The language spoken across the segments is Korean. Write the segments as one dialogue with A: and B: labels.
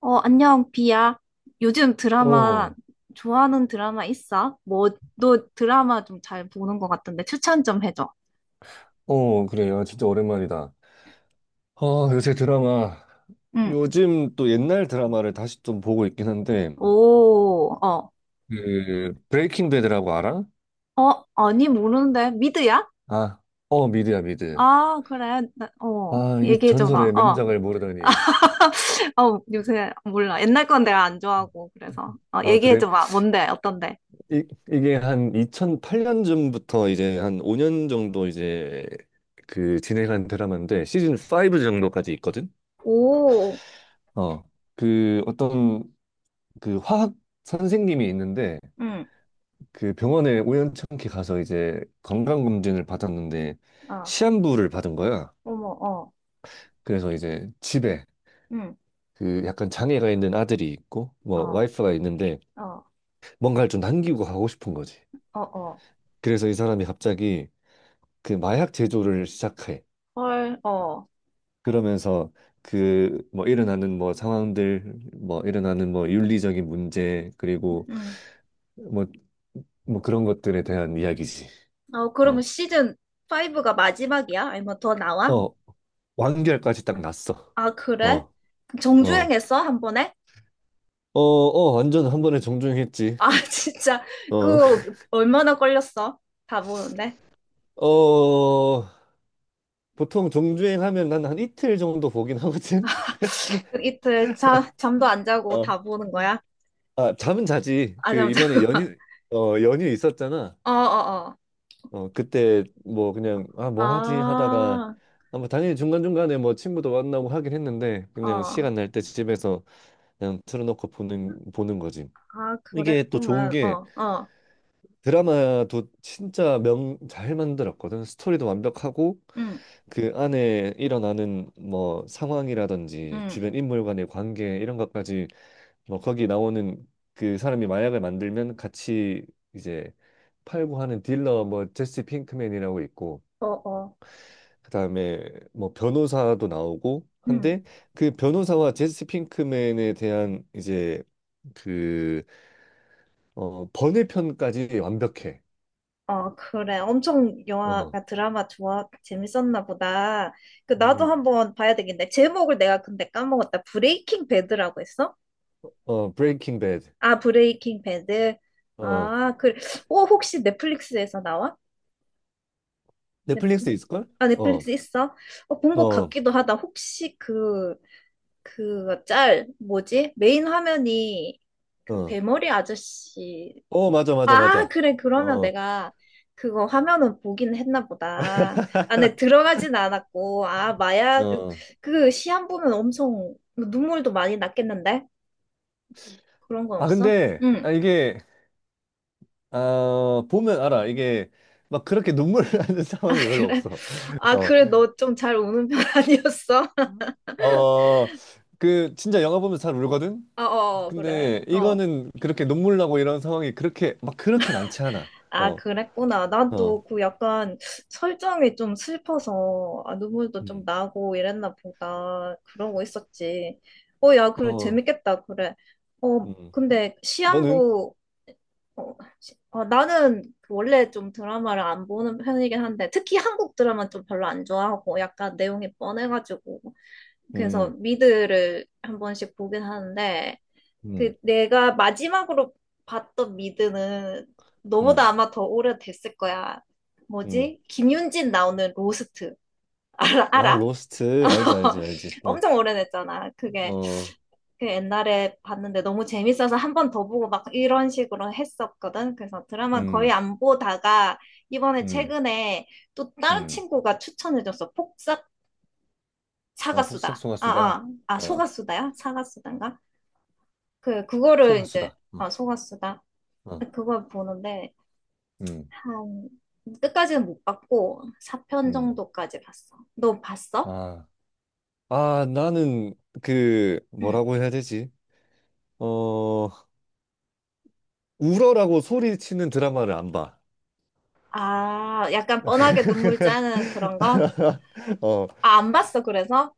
A: 안녕, 비야. 요즘 드라마,
B: 어,
A: 좋아하는 드라마 있어? 뭐, 너 드라마 좀 잘 보는 것 같던데, 추천 좀 해줘.
B: 어, 그래요. 진짜 오랜만이다. 아, 요새 드라마.
A: 응.
B: 요즘 또 옛날 드라마를 다시 좀 보고 있긴 한데,
A: 오, 어.
B: 그, 브레이킹 배드라고 알아?
A: 아니, 모르는데. 미드야?
B: 아, 어, 미드야, 미드.
A: 아, 그래.
B: 아, 이 전설의
A: 얘기해줘봐. 어,
B: 명작을 모르다니.
A: 요새 몰라. 옛날 건 내가 안 좋아하고, 그래서.
B: 아, 그래?
A: 얘기해줘봐. 뭔데? 어떤데?
B: 이, 이게 한 2008년쯤부터 이제 한 5년 정도 이제 그 진행한 드라마인데, 시즌 5 정도까지 있거든?
A: 오,
B: 어, 그 어떤 그 화학 선생님이 있는데,
A: 응,
B: 그 병원에 우연찮게 가서 이제 건강검진을 받았는데
A: 어,
B: 시한부를 받은 거야.
A: 어머, 어,
B: 그래서 이제 집에
A: 응,
B: 그 약간 장애가 있는 아들이 있고 뭐
A: 어,
B: 와이프가 있는데
A: 어,
B: 뭔가를 좀 남기고 가고 싶은 거지.
A: 어, 어.
B: 그래서 이 사람이 갑자기 그 마약 제조를 시작해.
A: 헐, 어.
B: 그러면서 그 뭐 일어나는 뭐 상황들 뭐 일어나는 뭐 윤리적인 문제 그리고 뭐 뭐 그런 것들에 대한 이야기지.
A: 어, 그러면
B: 어.
A: 시즌 5가 마지막이야? 아니면 더 나와?
B: 어, 완결까지 딱 났어.
A: 아, 그래?
B: 어, 어.
A: 정주행했어? 한 번에?
B: 어, 어, 완전 한 번에 정주행했지.
A: 아, 진짜.
B: 어,
A: 그, 얼마나 걸렸어? 다 보는데.
B: 어, 보통 정주행하면 난 한 이틀 정도 보긴 하거든.
A: 그 이틀 잠도 안 자고
B: 어,
A: 다 보는 거야?
B: 아, 잠은 자지.
A: 아,
B: 그
A: 잠, 자
B: 이번에
A: 고
B: 연휴, 어, 연휴 있었잖아.
A: 어, 어, 어.
B: 어, 그때 뭐 그냥 아, 뭐 하지 하다가
A: 아,
B: 아, 뭐 당연히 중간중간에 뭐 친구도 만나고 하긴 했는데 그냥
A: 어.
B: 시간 날때 집에서 그냥 틀어놓고 보는 거지.
A: 아,
B: 이게 또 좋은
A: 그랬구만.
B: 게
A: 어, 어.
B: 드라마도 진짜 명 잘 만들었거든. 스토리도 완벽하고
A: 응,
B: 그 안에 일어나는 뭐 상황이라든지
A: 응.
B: 주변 인물 간의 관계 이런 것까지 뭐 거기 나오는 그 사람이 마약을 만들면 같이 이제 팔고 하는 딜러 뭐 제시 핑크맨이라고 있고
A: 어, 어.
B: 그다음에 뭐 변호사도 나오고
A: 응.
B: 한데 그 변호사와 제시 핑크맨에 대한 이제 그 어 번외편까지 완벽해.
A: 어, 그래. 엄청
B: 어.
A: 영화가 드라마 좋아, 재밌었나 보다. 그, 나도
B: 음.
A: 한번 봐야 되겠네. 제목을 내가 근데 까먹었다. 브레이킹 배드라고 했어?
B: 어 브레이킹 배드.
A: 아, 브레이킹 배드.
B: 어.
A: 아, 그래. 어, 혹시 넷플릭스에서 나와? 넷,
B: 넷플릭스 있을걸?
A: 아,
B: 어.
A: 넷플릭스 있어? 어, 본 것
B: 어.
A: 같기도 하다. 혹시 그, 그 짤, 뭐지? 메인 화면이 그
B: 어.
A: 대머리 아저씨
B: 어, 맞아, 맞아,
A: 아,
B: 맞아.
A: 그래. 그러면
B: 어,
A: 내가 그거 화면은 보긴 했나 보다. 안에 들어가진 않았고, 아, 마약,
B: 어.
A: 그 시한 보면 엄청 눈물도 많이 났겠는데? 그런 건
B: 아,
A: 없어?
B: 근데,
A: 응.
B: 아, 이게, 아, 보면 알아. 이게, 막 그렇게 눈물 나는
A: 아,
B: 상황이 별로
A: 그래?
B: 없어.
A: 아,
B: 어,
A: 그래. 너 좀 잘 우는 편 아니었어?
B: 어, 그, 진짜 영화 보면 잘 울거든?
A: 어, 어, 그래.
B: 근데
A: 어.
B: 이거는 그렇게 눈물 나고 이런 상황이 그렇게, 막 그렇게 많지 않아.
A: 아,
B: 어,
A: 그랬구나. 난
B: 어,
A: 또 그 약간 설정이 좀 슬퍼서 아, 눈물도 좀
B: 음.
A: 나고 이랬나 보다. 그러고 있었지. 어, 야, 그래,
B: 어,
A: 재밌겠다. 그래. 어,
B: 음.
A: 근데
B: 너는?
A: 시한부, 나는 그 원래 좀 드라마를 안 보는 편이긴 한데, 특히 한국 드라마 좀 별로 안 좋아하고, 약간 내용이 뻔해가지고. 그래서
B: 음,
A: 미드를 한 번씩 보긴 하는데,
B: 음,
A: 그 내가 마지막으로 봤던 미드는
B: 음,
A: 너보다 아마 더 오래됐을 거야.
B: 음.
A: 뭐지? 김윤진 나오는 로스트. 알아?
B: 아,
A: 알아?
B: 로스트. 알지, 알지, 알지. 어,
A: 엄청 오래됐잖아. 그게
B: 어,
A: 그 옛날에 봤는데 너무 재밌어서 한 번 더 보고 막 이런 식으로 했었거든. 그래서 드라마 거의
B: 음,
A: 안 보다가 이번에
B: 음,
A: 최근에 또 다른
B: 음.
A: 친구가 추천해줬어. 폭삭
B: 아, 폭싹
A: 사가수다. 아,
B: 소가수다.
A: 아, 아,
B: 어,
A: 소가수다야? 사가수단가? 그, 그거를 이제,
B: 소가수다. 어,
A: 아, 소가수다.
B: 어,
A: 그걸 보는데
B: 음,
A: 한 끝까지는 못 봤고 4편
B: 음.
A: 정도까지 봤어. 너 봤어?
B: 아, 아, 나는 그
A: 응.
B: 뭐라고 해야 되지? 어, 울어라고 소리치는 드라마를 안 봐.
A: 아, 약간 뻔하게 눈물 짜는 그런 거?
B: 어,
A: 아, 안 봤어, 그래서?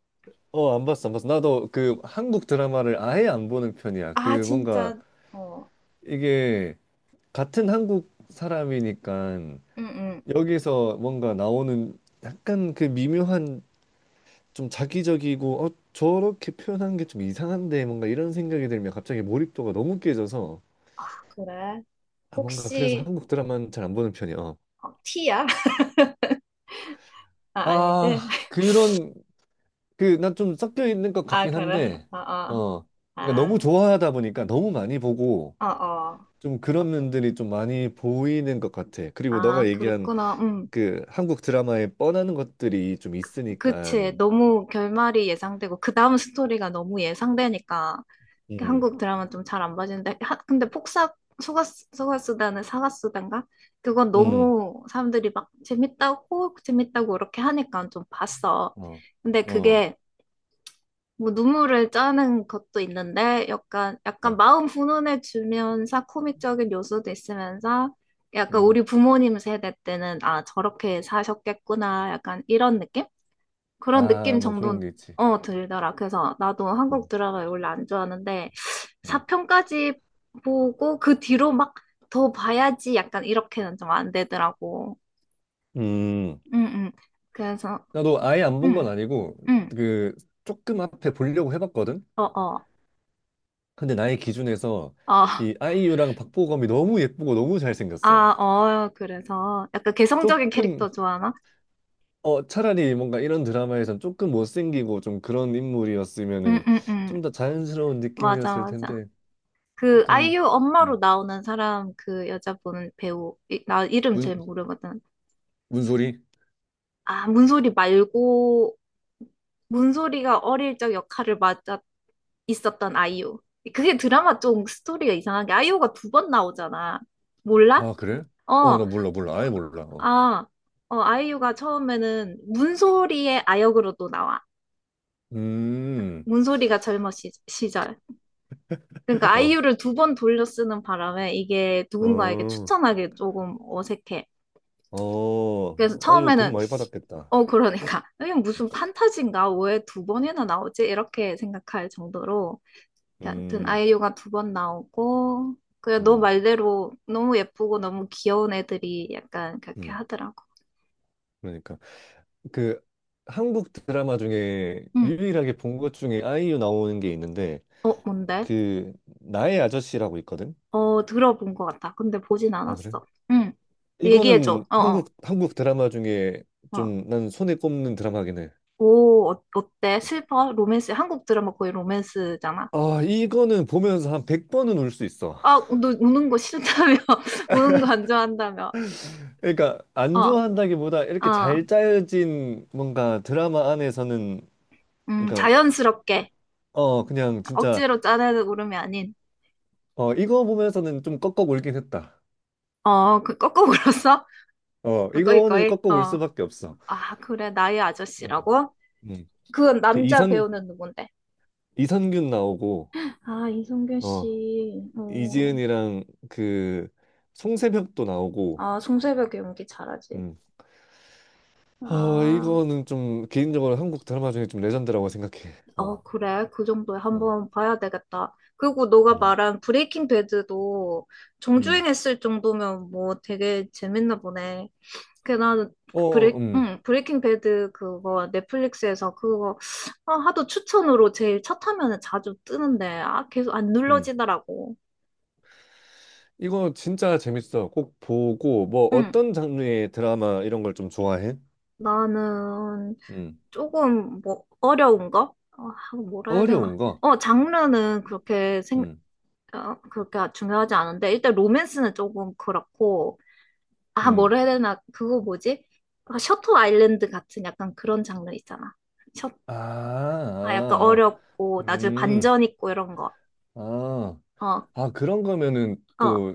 B: 어, 안 봤어, 안 봤어. 나도 그 한국 드라마를 아예 안 보는 편이야.
A: 아,
B: 그 뭔가
A: 진짜. 어,
B: 이게 같은 한국 사람이니까
A: 응, 응.
B: 여기서 뭔가 나오는 약간 그 미묘한 좀 자기적이고 어 저렇게 표현하는 게 좀 이상한데 뭔가 이런 생각이 들면 갑자기 몰입도가 너무 깨져서
A: 그래.
B: 아 뭔가 그래서
A: 혹시
B: 한국 드라마는 잘 안 보는 편이야.
A: 어, 티야 아, 아니지?
B: 아 그런 그 나 좀 섞여 있는 것
A: 아,
B: 같긴
A: 그래.
B: 한데
A: 어, 어.
B: 어 그러니까 너무
A: 아,
B: 좋아하다 보니까 너무 많이 보고
A: 어, 어.
B: 좀 그런 면들이 좀 많이 보이는 것 같아. 그리고 너가
A: 아,
B: 얘기한
A: 그랬구나. 음.
B: 그 한국 드라마에 뻔하는 것들이 좀 있으니까
A: 그치. 너무 결말이 예상되고, 그 다음 스토리가 너무 예상되니까
B: 음
A: 한국 드라마 좀 잘 안 봐지는데. 하- 근데 폭삭, 소가스, 소가다는 사가수단가 그건
B: 음
A: 너무 사람들이 막 재밌다고, 재밌다고 이렇게 하니까 좀 봤어.
B: 어
A: 근데
B: 어
A: 그게 뭐 눈물을 짜는 것도 있는데, 약간, 약간
B: 어
A: 마음 훈훈해지면서 코믹적인 요소도 있으면서, 약간 우리
B: 음
A: 부모님 세대 때는 아, 저렇게 사셨겠구나. 약간 이런 느낌? 그런
B: 아
A: 느낌
B: 뭐 그런
A: 정도
B: 게 있지.
A: 어 들더라. 그래서 나도 한국
B: 음,
A: 드라마 원래 안 좋아하는데
B: 음.
A: 4편까지 보고 그 뒤로 막 더 봐야지 약간 이렇게는 좀 안 되더라고.
B: 음,
A: 응응. 그래서
B: 나도 아예 안 본
A: 응응.
B: 건 아니고, 그, 조금 앞에 보려고 해봤거든?
A: 어어. 어.
B: 근데 나의 기준에서
A: 어. 어.
B: 이 아이유랑 박보검이 너무 예쁘고 너무 잘생겼어.
A: 아, 어. 그래서 약간 개성적인
B: 조금,
A: 캐릭터 좋아하나?
B: 어, 차라리 뭔가 이런 드라마에선 조금 못생기고 좀 그런 인물이었으면은
A: 응응응.
B: 좀 더 자연스러운
A: 맞아
B: 느낌이었을
A: 맞아.
B: 텐데,
A: 그
B: 약간,
A: 아이유 엄마로 나오는 사람 그 여자분 배우 이- 나 이름 잘
B: 문,
A: 모르거든.
B: 문소리?
A: 아, 문소리 말고, 문소리가 어릴 적 역할을 맡아 있었던 아이유. 그게 드라마 좀 스토리가 이상한 게 아이유가 두 번 나오잖아. 몰라?
B: 아, 그래? 어,
A: 어,
B: 나 몰라, 몰라. 아예 몰라. 어.
A: 아, 어, 아이유가 처음에는 문소리의 아역으로도 나와.
B: 음,
A: 문소리가 젊은 시절. 그러니까
B: 어,
A: 아이유를 두 번 돌려 쓰는 바람에 이게 누군가에게
B: 어,
A: 추천하기 조금 어색해.
B: 어,
A: 그래서
B: 아이유 돈
A: 처음에는
B: 많이 받았겠다.
A: 어 그러니까 이게 무슨 판타지인가 왜 두 번이나 나오지? 이렇게 생각할 정도로 하여튼
B: 음.
A: 아이유가 두 번 나오고 그냥 너
B: 음.
A: 말대로 너무 예쁘고 너무 귀여운 애들이 약간 그렇게
B: 음,
A: 하더라고.
B: 그러니까 그 한국 드라마 중에
A: 응.
B: 유일하게 본 것 중에 아이유 나오는 게 있는데
A: 어 뭔데?
B: 그 나의 아저씨라고 있거든.
A: 어 들어본 것 같아. 근데 보진
B: 아 그래?
A: 않았어. 응. 얘기해줘.
B: 이거는
A: 어 어.
B: 한국 드라마 중에
A: 어.
B: 좀 난 손에 꼽는 드라마긴 해.
A: 오 어, 어때? 슬퍼? 로맨스 한국 드라마 거의 로맨스잖아.
B: 아 이거는 보면서 한 100번은 울 수 있어.
A: 아 너 우는 거 싫다며? 우는 거 안 좋아한다며?
B: 그러니까 안
A: 어.
B: 좋아한다기보다 이렇게
A: 어.
B: 잘 짜여진 뭔가 드라마 안에서는 그러니까
A: 자연스럽게
B: 어 그냥 진짜
A: 억지로 짜내는 울음이 아닌
B: 어 이거 보면서는 좀 꺾어 울긴 했다.
A: 어, 그 꺾어 울었어?
B: 어
A: 꺼이
B: 이거는
A: 꺼이.
B: 꺾어 울
A: 어.
B: 수밖에 없어.
A: 아, 그래. 나의
B: 어.
A: 아저씨라고?
B: 네.
A: 그건
B: 그
A: 남자 배우는 누군데?
B: 이선균 나오고
A: 아, 이성균
B: 어
A: 씨. 어.
B: 이지은이랑 그 송새벽도 나오고
A: 아, 송새벽 연기 잘하지.
B: 음. 어
A: 아.
B: 이거는 좀 개인적으로 한국 드라마 중에 좀 레전드라고 생각해. 어.
A: 어, 그래. 그 정도에
B: 어.
A: 한번 봐야 되겠다. 그리고 너가
B: 음.
A: 말한 브레이킹 배드도
B: 음.
A: 정주행했을 정도면 뭐 되게 재밌나 보네. 그 나는
B: 어,
A: 브레이킹 배드 그거 넷플릭스에서 그거 아, 하도 추천으로 제일 첫 화면에 자주 뜨는데 아, 계속 안
B: 음.
A: 눌러지더라고.
B: 이거 진짜 재밌어. 꼭 보고 뭐
A: 응.
B: 어떤 장르의 드라마 이런 걸 좀 좋아해?
A: 나는
B: 음.
A: 조금 뭐 어려운 거? 아, 뭐라 해야 되나?
B: 어려운 거.
A: 어, 장르는 그렇게 생각
B: 음.
A: 어, 그렇게 중요하지 않은데 일단 로맨스는 조금 그렇고 아
B: 음.
A: 뭐라 해야 되나 그거 뭐지? 약간 셔터 아일랜드 같은 약간 그런 장르 있잖아. 셔,
B: 아.
A: 아 약간
B: 아. 아.
A: 어렵고 나중에
B: 음.
A: 반전 있고 이런 거.
B: 아.
A: 어,
B: 아, 그런 거면은
A: 어,
B: 또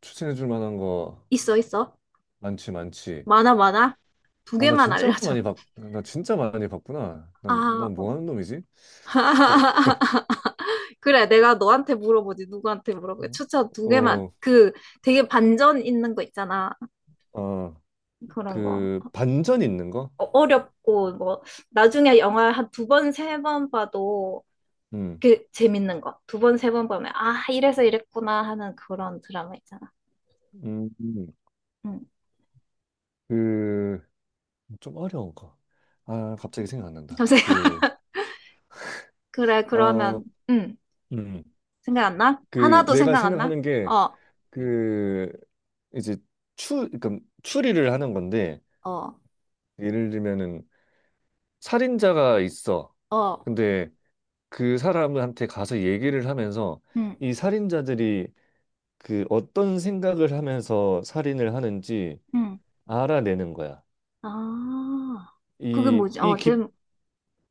B: 추천해 줄 만한 거
A: 있어 있어.
B: 많지, 많지.
A: 많아 많아. 두
B: 아,
A: 개만 알려줘.
B: 나 진짜 많이 봤구나.
A: 아, 어.
B: 난뭐 하는 놈이지?
A: 그래, 내가 너한테 물어보지, 누구한테 물어보게. 추천 두 개만.
B: 어,
A: 그 되게 반전 있는 거 있잖아.
B: 아,
A: 그런 거.
B: 그, 반전 있는 거?
A: 어- 어렵고 뭐 나중에 영화 한 두 번, 세 번 봐도
B: 음,
A: 그 재밌는 거. 두 번, 세 번 보면 아, 이래서 이랬구나 하는 그런 드라마 있잖아.
B: 음, 음.
A: 응.
B: 그, 좀 어려운가? 아, 갑자기 생각 안 난다.
A: 감사해요.
B: 그,
A: 그래,
B: 아,
A: 그러면 응.
B: 음,
A: 생각 안 나?
B: 그,
A: 하나도
B: 내가
A: 생각 안 나?
B: 생각하는 게,
A: 어,
B: 그, 이제 그러니까 추리를 하는 건데,
A: 어,
B: 예를 들면은, 살인자가 있어.
A: 어.
B: 근데 그 사람한테 가서 얘기를 하면서
A: 응,
B: 이 살인자들이 그 어떤 생각을 하면서 살인을 하는지
A: 응.
B: 알아내는 거야.
A: 아. 그게
B: 이,
A: 뭐지?
B: 이
A: 어, 제
B: 기,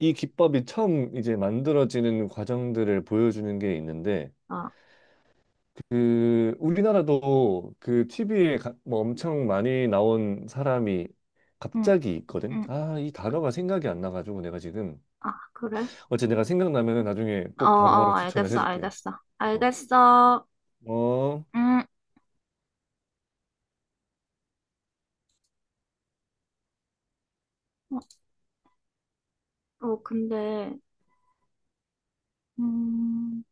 B: 이 기법이 처음 이제 만들어지는 과정들을 보여주는 게 있는데
A: 아.
B: 그 우리나라도 그 TV에 뭐 엄청 많이 나온 사람이
A: 응,
B: 갑자기 있거든.
A: 응.
B: 아, 이 단어가 생각이 안 나가지고 내가 지금
A: 아, 그래?
B: 어째 내가 생각나면은 나중에
A: 어,
B: 꼭
A: 어,
B: 바로바로 추천을
A: 알겠어.
B: 해줄게.
A: 알겠어.
B: 어.
A: 알겠어.
B: 어.
A: 음. 어, 근데 음.